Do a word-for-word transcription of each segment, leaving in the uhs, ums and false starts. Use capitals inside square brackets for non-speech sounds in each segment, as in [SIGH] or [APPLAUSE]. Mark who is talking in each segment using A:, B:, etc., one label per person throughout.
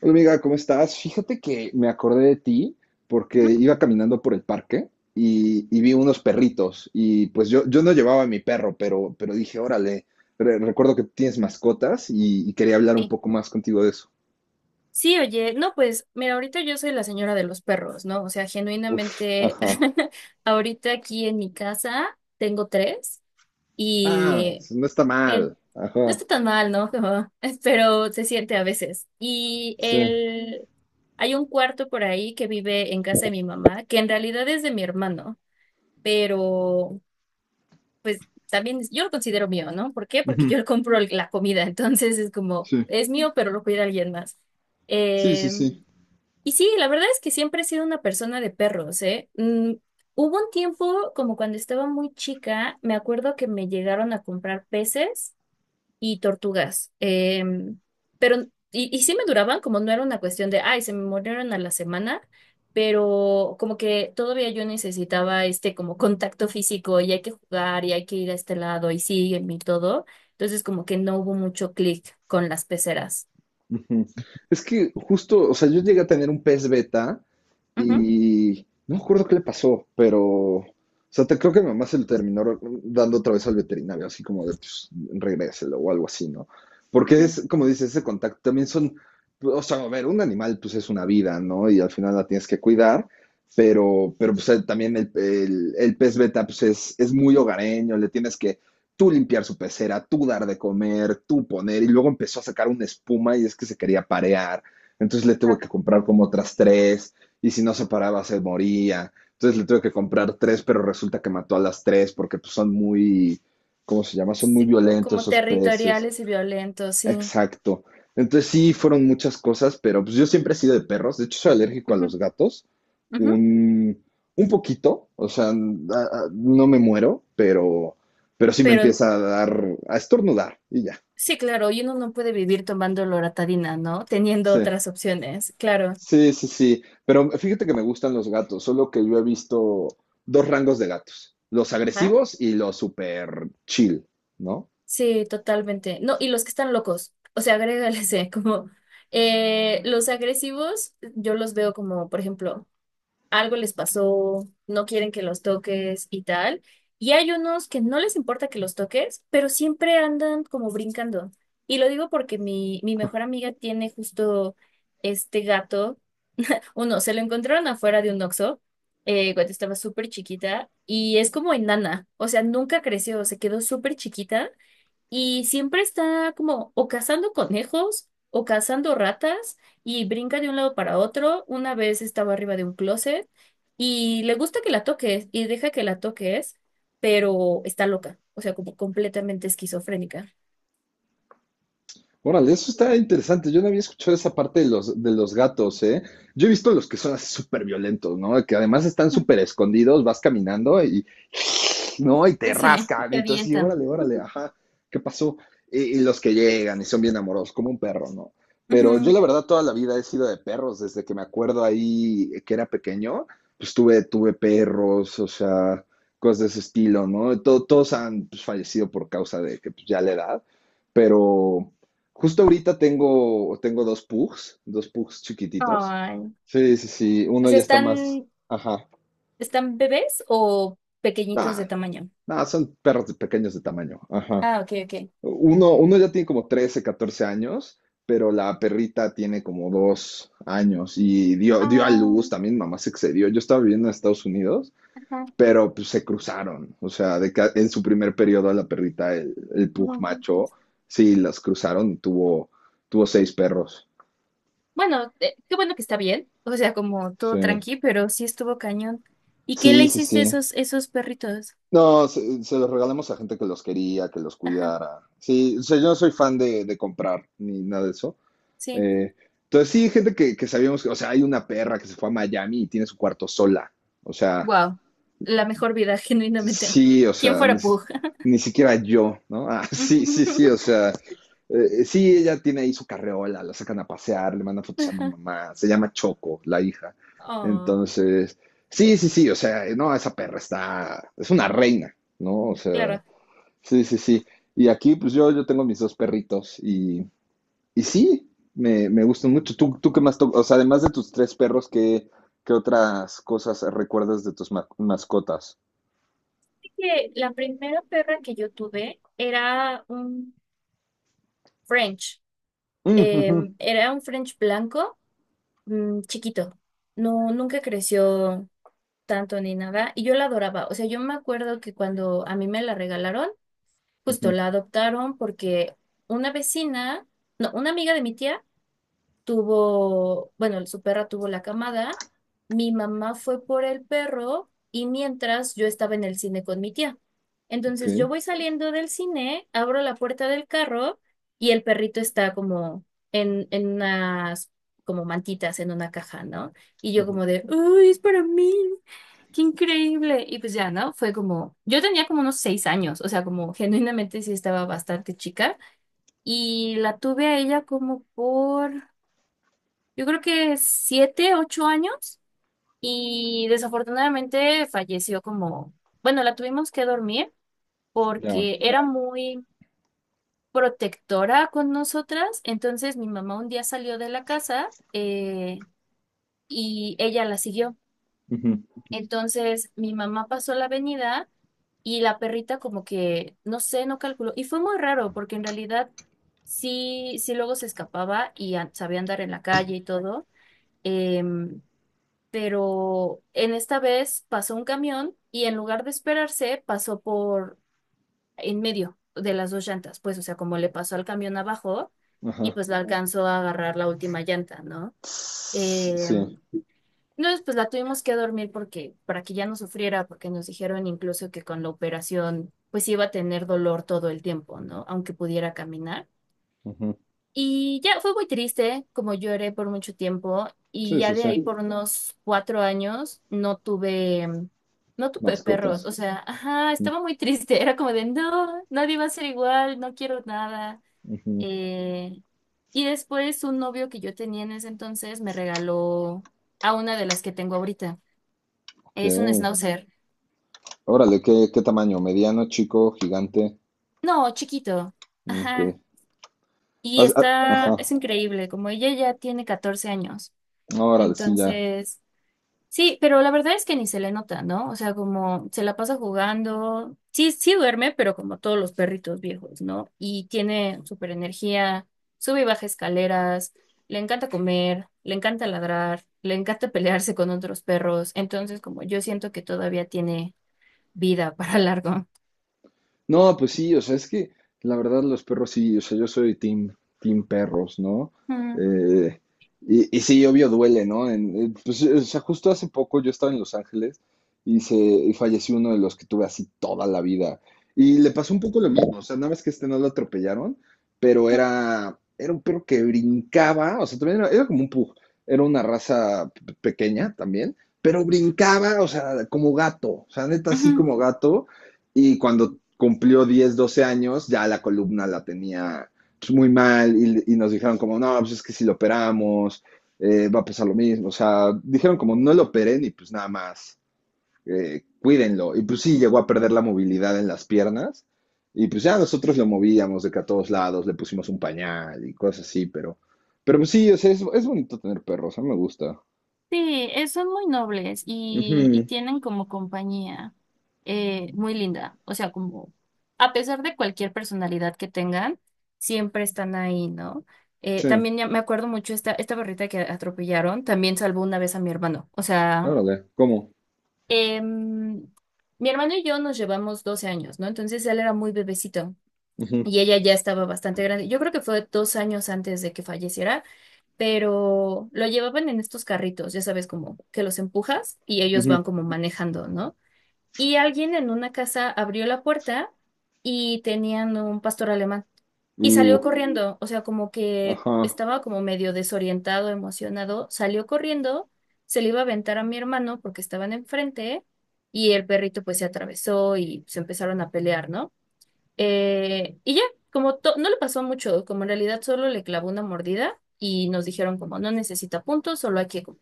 A: Hola amiga, ¿cómo estás? Fíjate que me acordé de ti
B: Ujú.
A: porque iba caminando por el parque y, y vi unos perritos y pues yo, yo no llevaba a mi perro, pero, pero dije, órale, re- recuerdo que tienes mascotas y, y quería hablar un
B: Sí.
A: poco más contigo de eso.
B: Sí, oye, no, pues mira, ahorita yo soy la señora de los perros, ¿no? O sea,
A: Uf,
B: genuinamente,
A: ajá.
B: [LAUGHS] ahorita aquí en mi casa tengo tres
A: Ah,
B: y
A: no está
B: el,
A: mal.
B: no
A: Ajá,
B: está tan mal, ¿no? Como- [LAUGHS] pero se siente a veces. Y
A: sí.
B: el, hay un cuarto por ahí que vive en casa de mi mamá, que en realidad es de mi hermano, pero pues también es- yo lo considero mío, ¿no? ¿Por qué? Porque
A: Ujú.
B: yo le compro el- la comida, [LAUGHS] entonces es como,
A: Sí,
B: es mío, pero lo cuida alguien más.
A: sí, sí, sí.
B: Em, Y sí, la verdad es que siempre he sido una persona de perros, ¿eh? Mm, hubo un tiempo, como cuando estaba muy chica, me acuerdo que me llegaron a comprar peces y tortugas, em, pero, y, y sí me duraban, como no era una cuestión de, ay, se me murieron a la semana, pero como que todavía yo necesitaba este como contacto físico y hay que jugar y hay que ir a este lado y sígueme y todo, entonces como que no hubo mucho clic con las peceras.
A: Ujú. Es que justo, o sea, yo llegué a tener un pez beta
B: Ujú.
A: y no me acuerdo qué le pasó, pero, o sea, te, creo que mi mamá se lo terminó dando otra vez al veterinario, así como de, pues, regréselo o algo así, ¿no? Porque es, como dices, ese contacto también son, o sea, a ver, un animal, pues, es una vida, ¿no? Y al final la tienes que cuidar, pero, pero pues, el- también el, el- el pez beta, pues, es, es muy hogareño, le tienes que tú limpiar su pecera, tú dar de comer, tú poner, y luego empezó a sacar una espuma y es que se quería parear. Entonces le tuve
B: Ujú.
A: que comprar como otras tres y si no se paraba se moría. Entonces le tuve que comprar tres, pero resulta que mató a las tres porque pues, son muy, ¿cómo se llama? Son muy
B: Sí, co-
A: violentos
B: como
A: esos peces.
B: territoriales y violentos, sí.
A: Exacto. Entonces sí, fueron muchas cosas, pero pues yo siempre he sido de perros. De hecho, soy alérgico a
B: Ujú,
A: los gatos.
B: ujú.
A: Un, un poquito, o sea, n- a- a- no me muero, pero, pero sí me
B: Pero
A: empieza a dar, a estornudar y ya.
B: sí, claro, y uno no puede vivir tomando loratadina, ¿no? Teniendo
A: Sí.
B: otras opciones, claro.
A: Sí, sí, sí. Pero fíjate que me gustan los gatos, solo que yo he visto dos rangos de gatos, los
B: ¿Ah?
A: agresivos y los super chill, ¿no?
B: Sí, totalmente. No, y los que están locos, o sea, [LAUGHS] agrégales, eh, como eh, los agresivos, yo los veo como, por ejemplo, algo les pasó, no quieren que los toques y tal. Y hay unos que no les importa que los toques, pero siempre andan como brincando. Y lo digo porque mi, mi mejor
A: [LAUGHS]
B: amiga tiene justo este gato. Uno, se lo encontraron afuera de un Oxxo eh, cuando estaba súper chiquita y es como enana, o sea, nunca creció, se quedó súper chiquita y siempre está como o cazando conejos o cazando ratas y brinca de un lado para otro. Una vez estaba arriba de un closet y le gusta que la toques y deja que la toques, pero está loca, o sea, como completamente esquizofrénica.
A: Órale, eso está interesante. Yo no había escuchado esa parte de los, de los gatos, ¿eh? Yo he visto los que son así súper violentos, ¿no? Que además están súper
B: [LAUGHS]
A: escondidos, vas caminando y, ¿no? Y te
B: Sí,
A: rascan.
B: te
A: Entonces, sí,
B: avientan.
A: órale, órale, ajá, ¿qué pasó? Y, y, los que llegan y son bien amorosos, como un perro, ¿no? Pero yo
B: Ujú.
A: la verdad toda la vida he sido de perros, desde que me acuerdo ahí que era pequeño, pues tuve, tuve perros, o sea, cosas de ese estilo, ¿no? Todo, todos han pues, fallecido por causa de que pues, ya la edad, pero justo ahorita tengo, tengo dos pugs, dos pugs chiquititos.
B: Ay.
A: Sí, sí, sí.
B: O
A: Uno
B: sea,
A: ya está
B: ¿están,
A: más, ajá.
B: están bebés o pequeñitos
A: Nah,
B: de tamaño?
A: no, son perros de pequeños de tamaño. Ajá.
B: Ah, ok, ok.
A: Uno, uno ya tiene como trece, catorce años, pero la perrita tiene como dos años y dio, dio a
B: Ah,
A: luz, también mamá se excedió. Yo estaba viviendo en Estados Unidos,
B: ajá,
A: pero pues se cruzaron. O sea, de que en su primer periodo a la perrita, el, el pug
B: no, ok.
A: macho, sí, las cruzaron y tuvo, tuvo seis perros.
B: Bueno, eh, qué bueno que está bien, o sea, como todo
A: Sí.
B: tranqui, pero sí estuvo cañón. ¿Y qué le
A: Sí, sí,
B: hiciste a
A: sí.
B: esos, esos perritos?
A: No, se, se los regalamos a gente que los quería, que los
B: Ajá,
A: cuidara. Sí, o sea, yo no soy fan de, de comprar ni nada de eso.
B: sí.
A: Eh, entonces, sí, gente que, que sabíamos que, o sea, hay una perra que se fue a Miami y tiene su cuarto sola. O sea,
B: Wow, la mejor vida, [LAUGHS] genuinamente.
A: sí, o
B: ¿Quién
A: sea, ni,
B: fuera
A: si-
B: Pug?
A: ni siquiera yo, ¿no? Ah, [LAUGHS] sí, sí, sí, o
B: [LAUGHS]
A: sea, eh, sí, ella tiene ahí su carreola, la sacan a pasear, le mandan fotos a mi
B: Ajá.
A: mamá, se llama Choco, la hija.
B: Oh,
A: Entonces, sí, sí, sí, o sea, no, esa perra está, es una reina, ¿no? O sea,
B: claro.
A: sí, sí, sí. Y aquí, pues yo, yo tengo mis dos perritos y sí, me, me gustan mucho. ¿Tú, tú qué más to-? O sea, además de tus tres perros, ¿qué, qué otras cosas recuerdas de tus ma- mascotas?
B: Que la primera perra que yo tuve era un French.
A: Mm,
B: Eh,
A: ujú,
B: era un French blanco, mm, chiquito. No, nunca creció tanto ni nada. Y yo la adoraba. O sea, yo me acuerdo que cuando a mí me la regalaron, justo
A: ujú,
B: la adoptaron porque una vecina, no, una amiga de mi tía, tuvo, bueno, su perra tuvo la camada, mi mamá fue por el perro y mientras yo estaba en el cine con mi tía.
A: ok,
B: Entonces yo voy saliendo del cine, abro la puerta del carro y el perrito está como en, en unas como mantitas en una caja, ¿no? Y yo
A: ujú,
B: como de, ¡Uy, es para mí! ¡Qué increíble! Y pues ya, ¿no? Fue como, yo tenía como unos seis años, o sea, como genuinamente sí estaba bastante chica y la tuve a ella como por yo creo que siete, ocho años y desafortunadamente falleció como, bueno, la tuvimos que dormir
A: ya,
B: porque era muy protectora con nosotras, entonces mi mamá un día salió de la casa eh, y ella la siguió.
A: ujú,
B: Entonces mi mamá pasó la avenida y la perrita como que, no sé, no calculó. Y fue muy raro porque en realidad sí, sí luego se escapaba y an- sabía andar en la calle y todo. Em, pero en esta vez pasó un camión y en lugar de esperarse pasó por en medio de las dos llantas, pues o sea, como le pasó al camión abajo y
A: ajá.
B: pues la alcanzó a agarrar la última llanta, ¿no?
A: Tss.
B: Eh,
A: Sí,
B: entonces pues la tuvimos que dormir porque para que ya no sufriera, porque nos dijeron incluso que con la operación pues iba a tener dolor todo el tiempo, ¿no? Aunque pudiera caminar.
A: ujú.
B: Y ya fue muy triste, como lloré por mucho tiempo, y
A: Sí, sí,
B: ya de
A: sí.
B: ahí por unos cuatro años no tuve, mm, no tuve perros,
A: Mascotas.
B: o sea, ajá,
A: Ujú,
B: estaba muy triste, [LAUGHS] era como de, no, nadie va a ser igual, no quiero nada.
A: ujú,
B: Eh, y después un novio que yo tenía en ese entonces me regaló a una de las que tengo ahorita,
A: ok.
B: es un schnauzer,
A: Órale, ¿qué, qué tamaño? ¿Mediano, chico, gigante?
B: no, chiquito,
A: Ok.
B: ajá, y
A: Has- ha-
B: está,
A: Ajá.
B: es increíble, como ella ya tiene catorce años,
A: Órale, sí, ya.
B: entonces... Sí, pero la verdad es que ni se le nota, ¿no? O sea, como se la pasa jugando. Sí, sí duerme, pero como todos los perritos viejos, ¿no? Y tiene súper energía, sube y baja escaleras, le encanta comer, le encanta ladrar, le encanta [LAUGHS] pelearse con otros perros. Entonces, como yo siento que todavía tiene vida para largo.
A: No, pues sí, o sea, es que la verdad los perros sí, o sea, yo soy team, team perros, ¿no?
B: Mm,
A: Eh, y, y sí, obvio duele, ¿no? En- eh, pues, o sea, justo hace poco yo estaba en Los Ángeles y, se, y falleció uno de los que tuve así toda la vida. Y le pasó un poco lo mismo, o sea, nada más que este no lo atropellaron, pero
B: mm,
A: era, era un perro que brincaba, o sea, también era, era como un pug, era una raza pe- pequeña también, pero brincaba, o sea, como gato, o sea, neta así
B: ujú.
A: como gato. Y cuando cumplió diez doce años, ya la columna la tenía pues, muy mal y, y nos dijeron como, no, pues es que si lo operamos, eh, va a pasar lo mismo. O sea, dijeron como, no lo operen y pues nada más, eh, cuídenlo. Y pues sí, llegó a perder la movilidad en las piernas. Y pues ya nosotros lo movíamos de que a todos lados le pusimos un pañal y cosas así, pero, pero pues sí, o sea, es, es bonito tener perros, a mí me gusta.
B: Sí, eh, son muy nobles y, y
A: Ujú.
B: tienen como compañía eh, muy linda. O sea, como a pesar de cualquier personalidad que tengan, siempre están ahí, ¿no? Eh,
A: Sí,
B: también ya me acuerdo mucho esta, esta perrita que atropellaron, también salvó una vez a mi hermano. O sea,
A: órale, ¿cómo?
B: em, mi hermano y yo nos llevamos doce años, ¿no? Entonces él era muy bebecito
A: Ujú,
B: y ella ya estaba bastante grande. Yo creo que fue dos años antes de que falleciera pero lo llevaban en estos carritos, ya sabes, como que los empujas y ellos
A: ujú.
B: van como manejando, ¿no? Y alguien en una casa abrió la puerta y tenían un pastor alemán y salió
A: Uh,
B: corriendo, o sea, como que
A: ajá,
B: estaba como medio desorientado, emocionado, salió corriendo, se le iba a aventar a mi hermano porque estaban enfrente y el perrito pues se atravesó y se empezaron a pelear, ¿no? Eh, y ya, como to- no le pasó mucho, como en realidad solo le clavó una mordida y nos dijeron como no necesita puntos, solo hay que como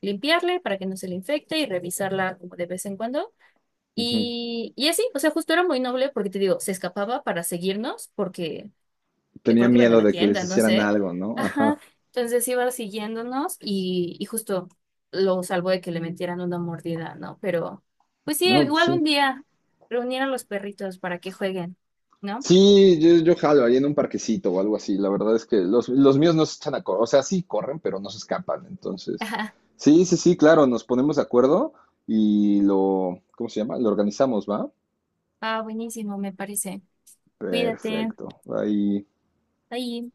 B: limpiarle para que no se le infecte y revisarla como de vez en cuando.
A: ujú.
B: Y, y así, o sea, justo era muy noble porque te digo, se escapaba para seguirnos porque eh,
A: Tenía
B: creo que iban a
A: miedo
B: la
A: de que les
B: tienda, no
A: hicieran
B: sé.
A: algo, ¿no?
B: Ajá,
A: Ajá.
B: entonces iba siguiéndonos y, y justo lo salvó de que le metieran una mordida, ¿no? Pero pues sí,
A: No, pues
B: igual
A: sí.
B: un día reunir a los perritos para que jueguen, ¿no?
A: Sí, yo, yo jalo ahí en un parquecito o algo así. La verdad es que los, los míos no se echan a correr. O sea, sí corren, pero no se escapan. Entonces,
B: [LAUGHS]
A: sí, sí, sí, claro, nos ponemos de acuerdo y lo, ¿cómo se llama? Lo organizamos, ¿va?
B: Ah, buenísimo, me parece. Cuídate.
A: Perfecto. Ahí,
B: Ahí.